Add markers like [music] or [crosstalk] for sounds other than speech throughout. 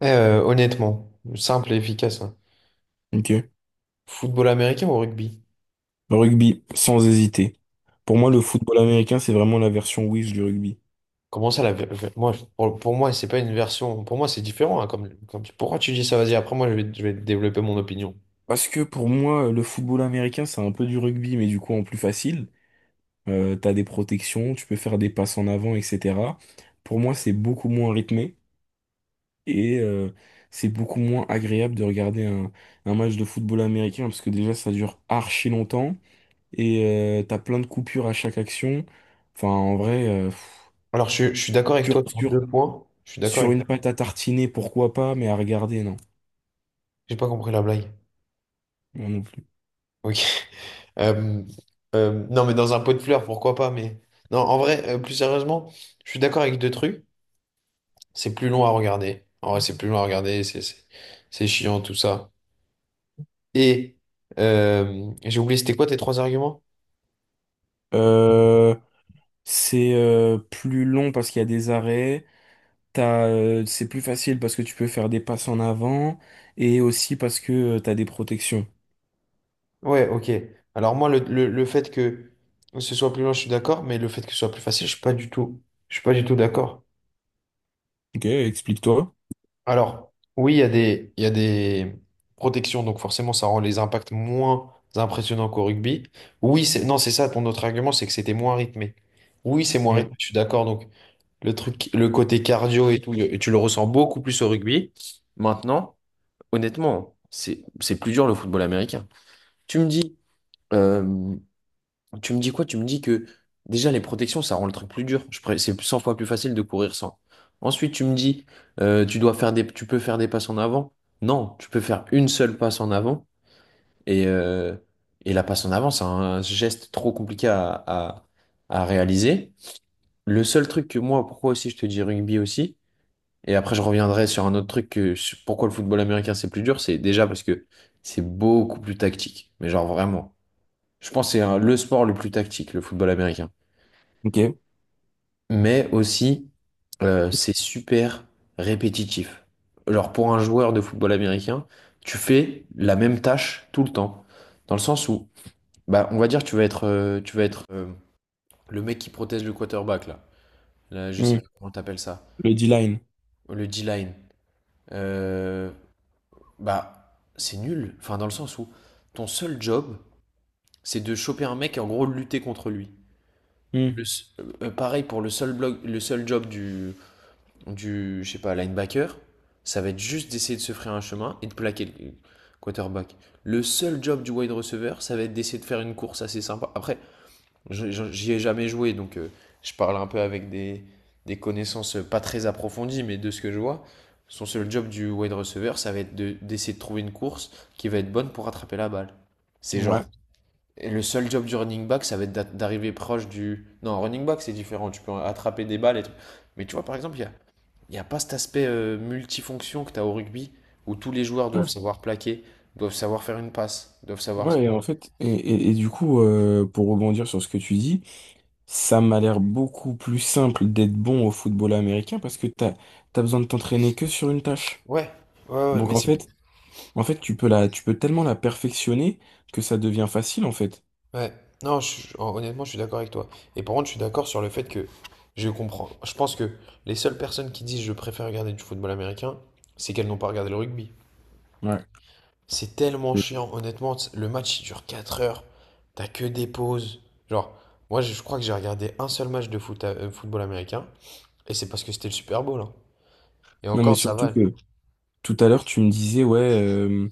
Honnêtement, simple et efficace, hein. Ok. Football américain ou rugby? Le rugby, sans hésiter. Pour moi, le football américain, c'est vraiment la version Wish du rugby. Comment ça, moi, pour moi, c'est pas une version. Pour moi, c'est différent, hein, pourquoi tu dis ça? Vas-y, après, moi, je vais développer mon opinion. Parce que pour moi, le football américain, c'est un peu du rugby, mais du coup en plus facile. T'as des protections, tu peux faire des passes en avant, etc. Pour moi, c'est beaucoup moins rythmé et c'est beaucoup moins agréable de regarder un match de football américain parce que déjà, ça dure archi longtemps et t'as plein de coupures à chaque action. Enfin, en vrai, Alors, je suis d'accord avec toi sur, sur deux sur, points. Je suis d'accord sur avec... une pâte à tartiner, pourquoi pas, mais à regarder, non. J'ai pas compris la blague. Moi non plus. Ok. [laughs] Euh, non, mais dans un pot de fleurs, pourquoi pas? Mais non, en vrai, plus sérieusement, je suis d'accord avec deux trucs. C'est plus long à regarder. En vrai, c'est plus long à regarder. C'est chiant, tout ça. Et j'ai oublié, c'était quoi tes trois arguments? Euh, c'est plus long parce qu'il y a des arrêts. C'est plus facile parce que tu peux faire des passes en avant et aussi parce que tu t'as des protections. Ouais, ok. Alors moi, le fait que ce soit plus loin, je suis d'accord, mais le fait que ce soit plus facile, je suis pas du tout d'accord. Ok, explique-toi. Alors, oui, il y a des protections, donc forcément, ça rend les impacts moins impressionnants qu'au rugby. Oui, non, c'est ça, ton autre argument, c'est que c'était moins rythmé. Oui, c'est moins Ouais. rythmé, je suis d'accord. Donc, le côté cardio et tout, tu le ressens beaucoup plus au rugby. Maintenant, honnêtement, c'est plus dur le football américain. Tu me dis, euh, tu me dis quoi? Tu me dis que déjà les protections, ça rend le truc plus dur. C'est 100 fois plus facile de courir sans. Ensuite, tu peux faire des passes en avant. Non, tu peux faire une seule passe en avant. Et, euh, et la passe en avant, c'est un geste trop compliqué à réaliser. Le seul truc que moi, pourquoi aussi je te dis rugby aussi, et après je reviendrai sur un autre truc que sur pourquoi le football américain c'est plus dur, c'est déjà parce que c'est beaucoup plus tactique. Mais genre vraiment. Je pense que le sport le plus tactique, le football américain. Ok. Mais aussi c'est super répétitif. Alors pour un joueur de football américain, tu fais la même tâche tout le temps, dans le sens où, bah, on va dire, tu vas être le mec qui protège le quarterback là. Là, je sais Mm. pas comment t'appelles ça, Le D-line. le D-line. Euh, bah, c'est nul. Enfin, dans le sens où ton seul job, c'est de choper un mec et en gros lutter contre lui. Mm. Le s- pareil pour le seul blog, le seul job du je sais pas, linebacker, ça va être juste d'essayer de se frayer un chemin et de plaquer le quarterback. Le seul job du wide receiver, ça va être d'essayer de faire une course assez sympa. Après, j'y ai jamais joué, je parle un peu avec des connaissances pas très approfondies, mais de ce que je vois, son seul job du wide receiver, ça va être d'essayer de trouver une course qui va être bonne pour rattraper la balle. C'est Ouais. genre... Et le seul job du running back, ça va être d'arriver proche du... Non, running back, c'est différent. Tu peux attraper des balles et tout. Mais tu vois, par exemple, il n'y a pas cet aspect multifonction que tu as au rugby, où tous les joueurs doivent Ouais. savoir plaquer, doivent savoir faire une passe, doivent savoir... Ouais, et en fait, et du coup, pour rebondir sur ce que tu dis, ça m'a l'air beaucoup plus simple d'être bon au football américain parce que t'as besoin de t'entraîner que sur une tâche. Ouais, ouais, ouais, Donc mais en c'est. fait, En fait, tu peux tu peux tellement la perfectionner que ça devient facile, en fait. Ouais, non, honnêtement, je suis d'accord avec toi. Et par contre, je suis d'accord sur le fait que je comprends. Je pense que les seules personnes qui disent je préfère regarder du football américain, c'est qu'elles n'ont pas regardé le rugby. Ouais. C'est tellement chiant, honnêtement. Le match, il dure 4 heures. T'as que des pauses. Genre, moi, je crois que j'ai regardé un seul match de foot, football américain. Et c'est parce que c'était le Super Bowl, hein. Et Non, mais encore, ça surtout va. que tout à l'heure, tu me disais, ouais,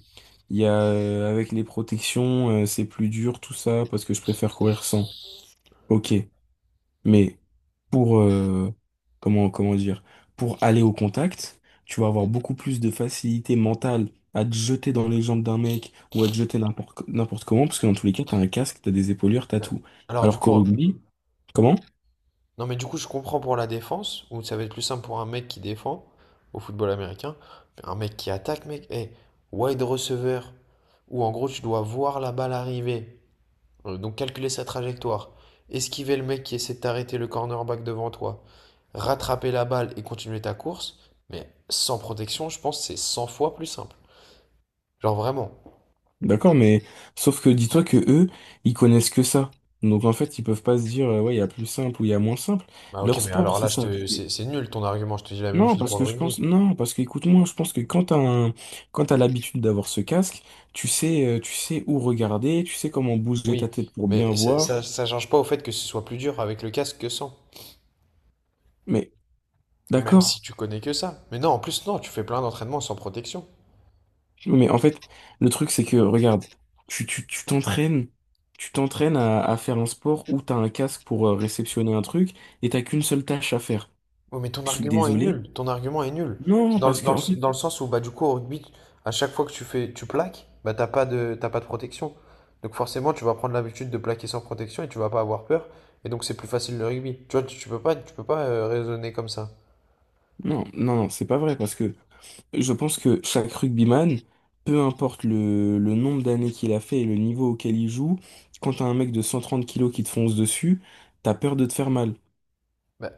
il y a, avec les protections, c'est plus dur, tout ça, parce que je préfère courir sans. Ok, mais pour, comment dire, pour aller au contact, tu vas avoir beaucoup plus de facilité mentale à te jeter dans les jambes d'un mec ou à te jeter n'importe comment, parce que dans tous les cas, t'as un casque, t'as des épaulières, t'as Ouais. tout. Alors du Alors coup, qu'au hein, rugby, comment? non mais du coup je comprends pour la défense, où ça va être plus simple pour un mec qui défend au football américain, mais un mec qui attaque, mec, hey, wide receiver, où en gros tu dois voir la balle arriver, donc calculer sa trajectoire, esquiver le mec qui essaie de t'arrêter le cornerback devant toi, rattraper la balle et continuer ta course, mais sans protection, je pense que c'est 100 fois plus simple. Genre vraiment. D'accord, mais sauf que dis-toi que eux, ils connaissent que ça. Donc en fait, ils peuvent pas se dire ouais, il y a plus simple ou il y a moins simple. Bah ok, Leur mais sport, alors là, c'est je ça. te... c'est nul ton argument, je te dis la même Non, chose parce pour que le je rugby. pense Non, parce que écoute-moi, je pense que quand quand t'as l'habitude d'avoir ce casque, tu sais où regarder, tu sais comment bouger ta Oui, tête pour bien mais voir. Ça change pas au fait que ce soit plus dur avec le casque que sans, Mais même si d'accord. tu connais que ça. Mais non, en plus, non, tu fais plein d'entraînements sans protection. Mais en fait, le truc c'est que regarde, tu t'entraînes. Tu t'entraînes à faire un sport où t'as un casque pour réceptionner un truc et t'as qu'une seule tâche à faire. Oui, mais ton Je suis argument est désolé, nul, ton argument est nul. non, parce que en fait, Dans le sens où, bah, du coup, au rugby, à chaque fois que tu fais, tu plaques, bah, t'as pas de protection. Donc forcément, tu vas prendre l'habitude de plaquer sans protection et tu vas pas avoir peur. Et donc, c'est plus facile le rugby. Tu vois, tu peux pas raisonner comme ça. Non, c'est pas vrai, parce que je pense que chaque rugbyman, peu importe le nombre d'années qu'il a fait et le niveau auquel il joue, quand t'as un mec de 130 kilos qui te fonce dessus, t'as peur de te faire mal. Bah,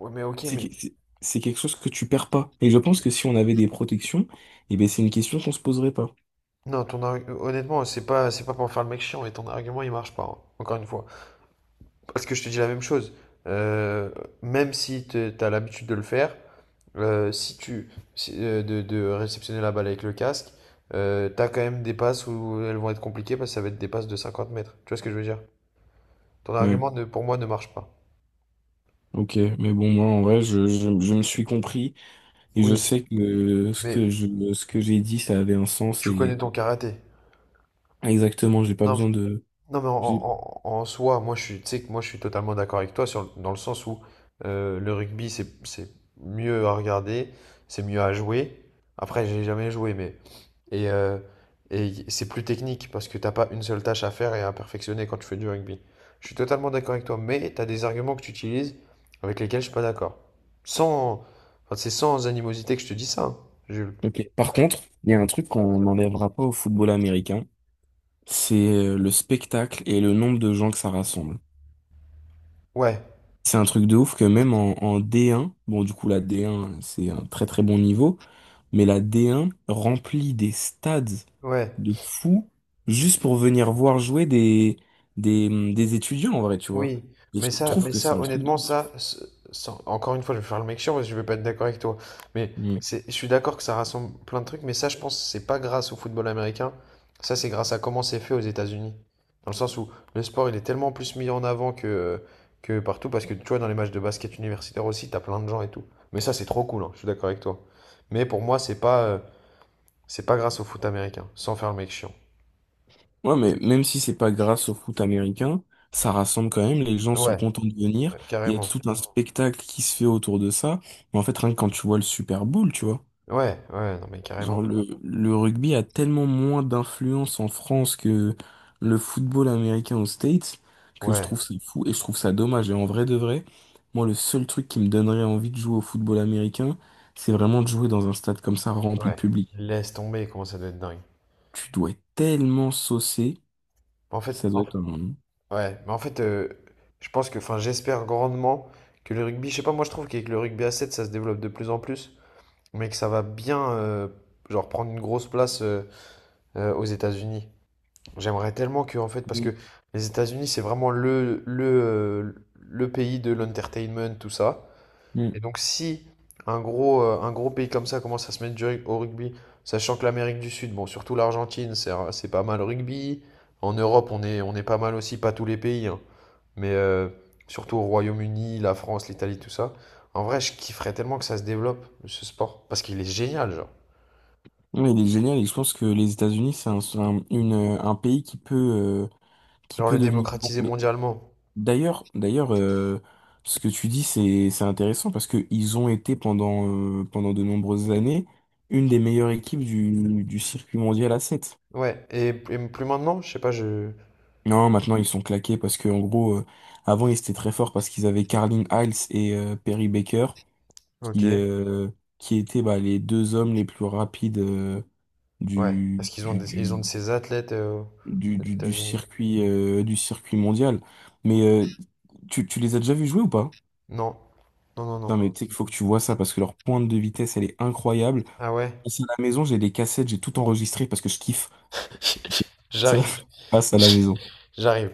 ouais, mais ok, C'est mais... que- c'est- c'est quelque chose que tu perds pas. Et je pense que si on avait des protections, eh ben c'est une question qu'on se poserait pas. Non, honnêtement, c'est pas pour faire le mec chiant, et ton argument, il marche pas, hein, encore une fois. Parce que je te dis la même chose. Euh, même si tu as l'habitude de le faire, si tu, si- de réceptionner la balle avec le casque, t'as quand même des passes où elles vont être compliquées parce que ça va être des passes de 50 mètres. Tu vois ce que je veux dire? Ton Ouais, argument, ne, pour moi, ne marche pas. ok, mais bon, moi en vrai, je me suis compris et je Oui, sais que mais ce que j'ai dit, ça avait un sens tu connais et ton karaté. exactement, j'ai pas Non, besoin de. non, mais en soi, moi je suis, tu sais que moi je suis totalement d'accord avec toi sur, dans le sens où le rugby c'est mieux à regarder, c'est mieux à jouer. Après, j'ai jamais joué, mais... et, euh, et c'est plus technique parce que t'as pas une seule tâche à faire et à perfectionner quand tu fais du rugby. Je suis totalement d'accord avec toi, mais t'as des arguments que tu utilises avec lesquels je suis pas d'accord. Sans, enfin, c'est sans animosité que je te dis ça, hein, Jules. Ok. Par contre, il y a un truc qu'on n'enlèvera pas au football américain, c'est le spectacle et le nombre de gens que ça rassemble. Ouais, C'est un truc de ouf que même en D1, bon du coup la D1 c'est un très très bon niveau, mais la D1 remplit des stades ouais. de fous juste pour venir voir jouer des étudiants en vrai, tu vois. Oui, Et je trouve mais que c'est ça, un truc de honnêtement, ouf. ça, encore une fois, je vais faire le mec chiant parce que je vais pas être d'accord avec toi. Mais je suis d'accord que ça rassemble plein de trucs, mais ça, je pense, c'est pas grâce au football américain. Ça, c'est grâce à comment c'est fait aux États-Unis. Dans le sens où le sport, il est tellement plus mis en avant que partout, parce que tu vois, dans les matchs de basket universitaire aussi, t'as plein de gens et tout. Mais ça, c'est trop cool, hein, je suis d'accord avec toi. Mais pour moi, c'est pas grâce au foot américain, sans faire le mec chiant. Ouais, mais même si c'est pas grâce au foot américain, ça rassemble quand même, les gens sont Ouais, contents de venir, il y a carrément. tout un spectacle qui se fait autour de ça, mais en fait, rien que quand tu vois le Super Bowl, tu vois, Ouais, ouais, non mais carrément. genre le rugby a tellement moins d'influence en France que le football américain aux States, que je Ouais. trouve ça fou et je trouve ça dommage, et en vrai de vrai, moi, le seul truc qui me donnerait envie de jouer au football américain, c'est vraiment de jouer dans un stade comme ça, rempli de Ouais, public. laisse tomber, comment ça doit être dingue. Tu dois être tellement saucé, En fait, ça doit en- être un... ouais, mais en fait, je pense que, enfin, j'espère grandement que le rugby, je sais pas, moi je trouve qu'avec le rugby à 7 ça se développe de plus en plus, mais que ça va bien, genre, prendre une grosse place aux États-Unis. J'aimerais tellement que, en fait, parce que les États-Unis, c'est vraiment le pays de l'entertainment, tout ça. Mm. Et donc si un gros, un gros pays comme ça commence à se mettre au rugby, sachant que l'Amérique du Sud, bon, surtout l'Argentine, c'est pas mal au rugby. En Europe, on est pas mal aussi, pas tous les pays, hein. Mais surtout au Royaume-Uni, la France, l'Italie, tout ça. En vrai, je kifferais tellement que ça se développe, ce sport, parce qu'il est génial, genre. Oui, il est génial et je pense que les États-Unis, c'est un pays qui Genre peut le devenir bon. démocratiser Mais mondialement. D'ailleurs, ce que tu dis, c'est intéressant parce que ils ont été pendant, pendant de nombreuses années une des meilleures équipes du circuit mondial à sept. Ouais, et plus maintenant, je sais pas, je... Non, maintenant ils sont claqués parce que en gros, avant ils étaient très forts parce qu'ils avaient Carlin Hiles et Perry Baker Ok, qui, euh, qui étaient bah, les deux hommes les plus rapides ouais. du, Parce qu'ils ont, ils ont de du, ces athlètes aux États-Unis? Du circuit mondial. Mais tu les as déjà vus jouer ou pas? Non, non, non, non. Non mais tu sais qu'il faut que tu vois ça parce que leur pointe de vitesse, elle est incroyable. Ah ouais? Passe à la maison, j'ai des cassettes, j'ai tout enregistré parce que je kiffe. Ça, J'arrive, [laughs] passe à la maison. j'arrive.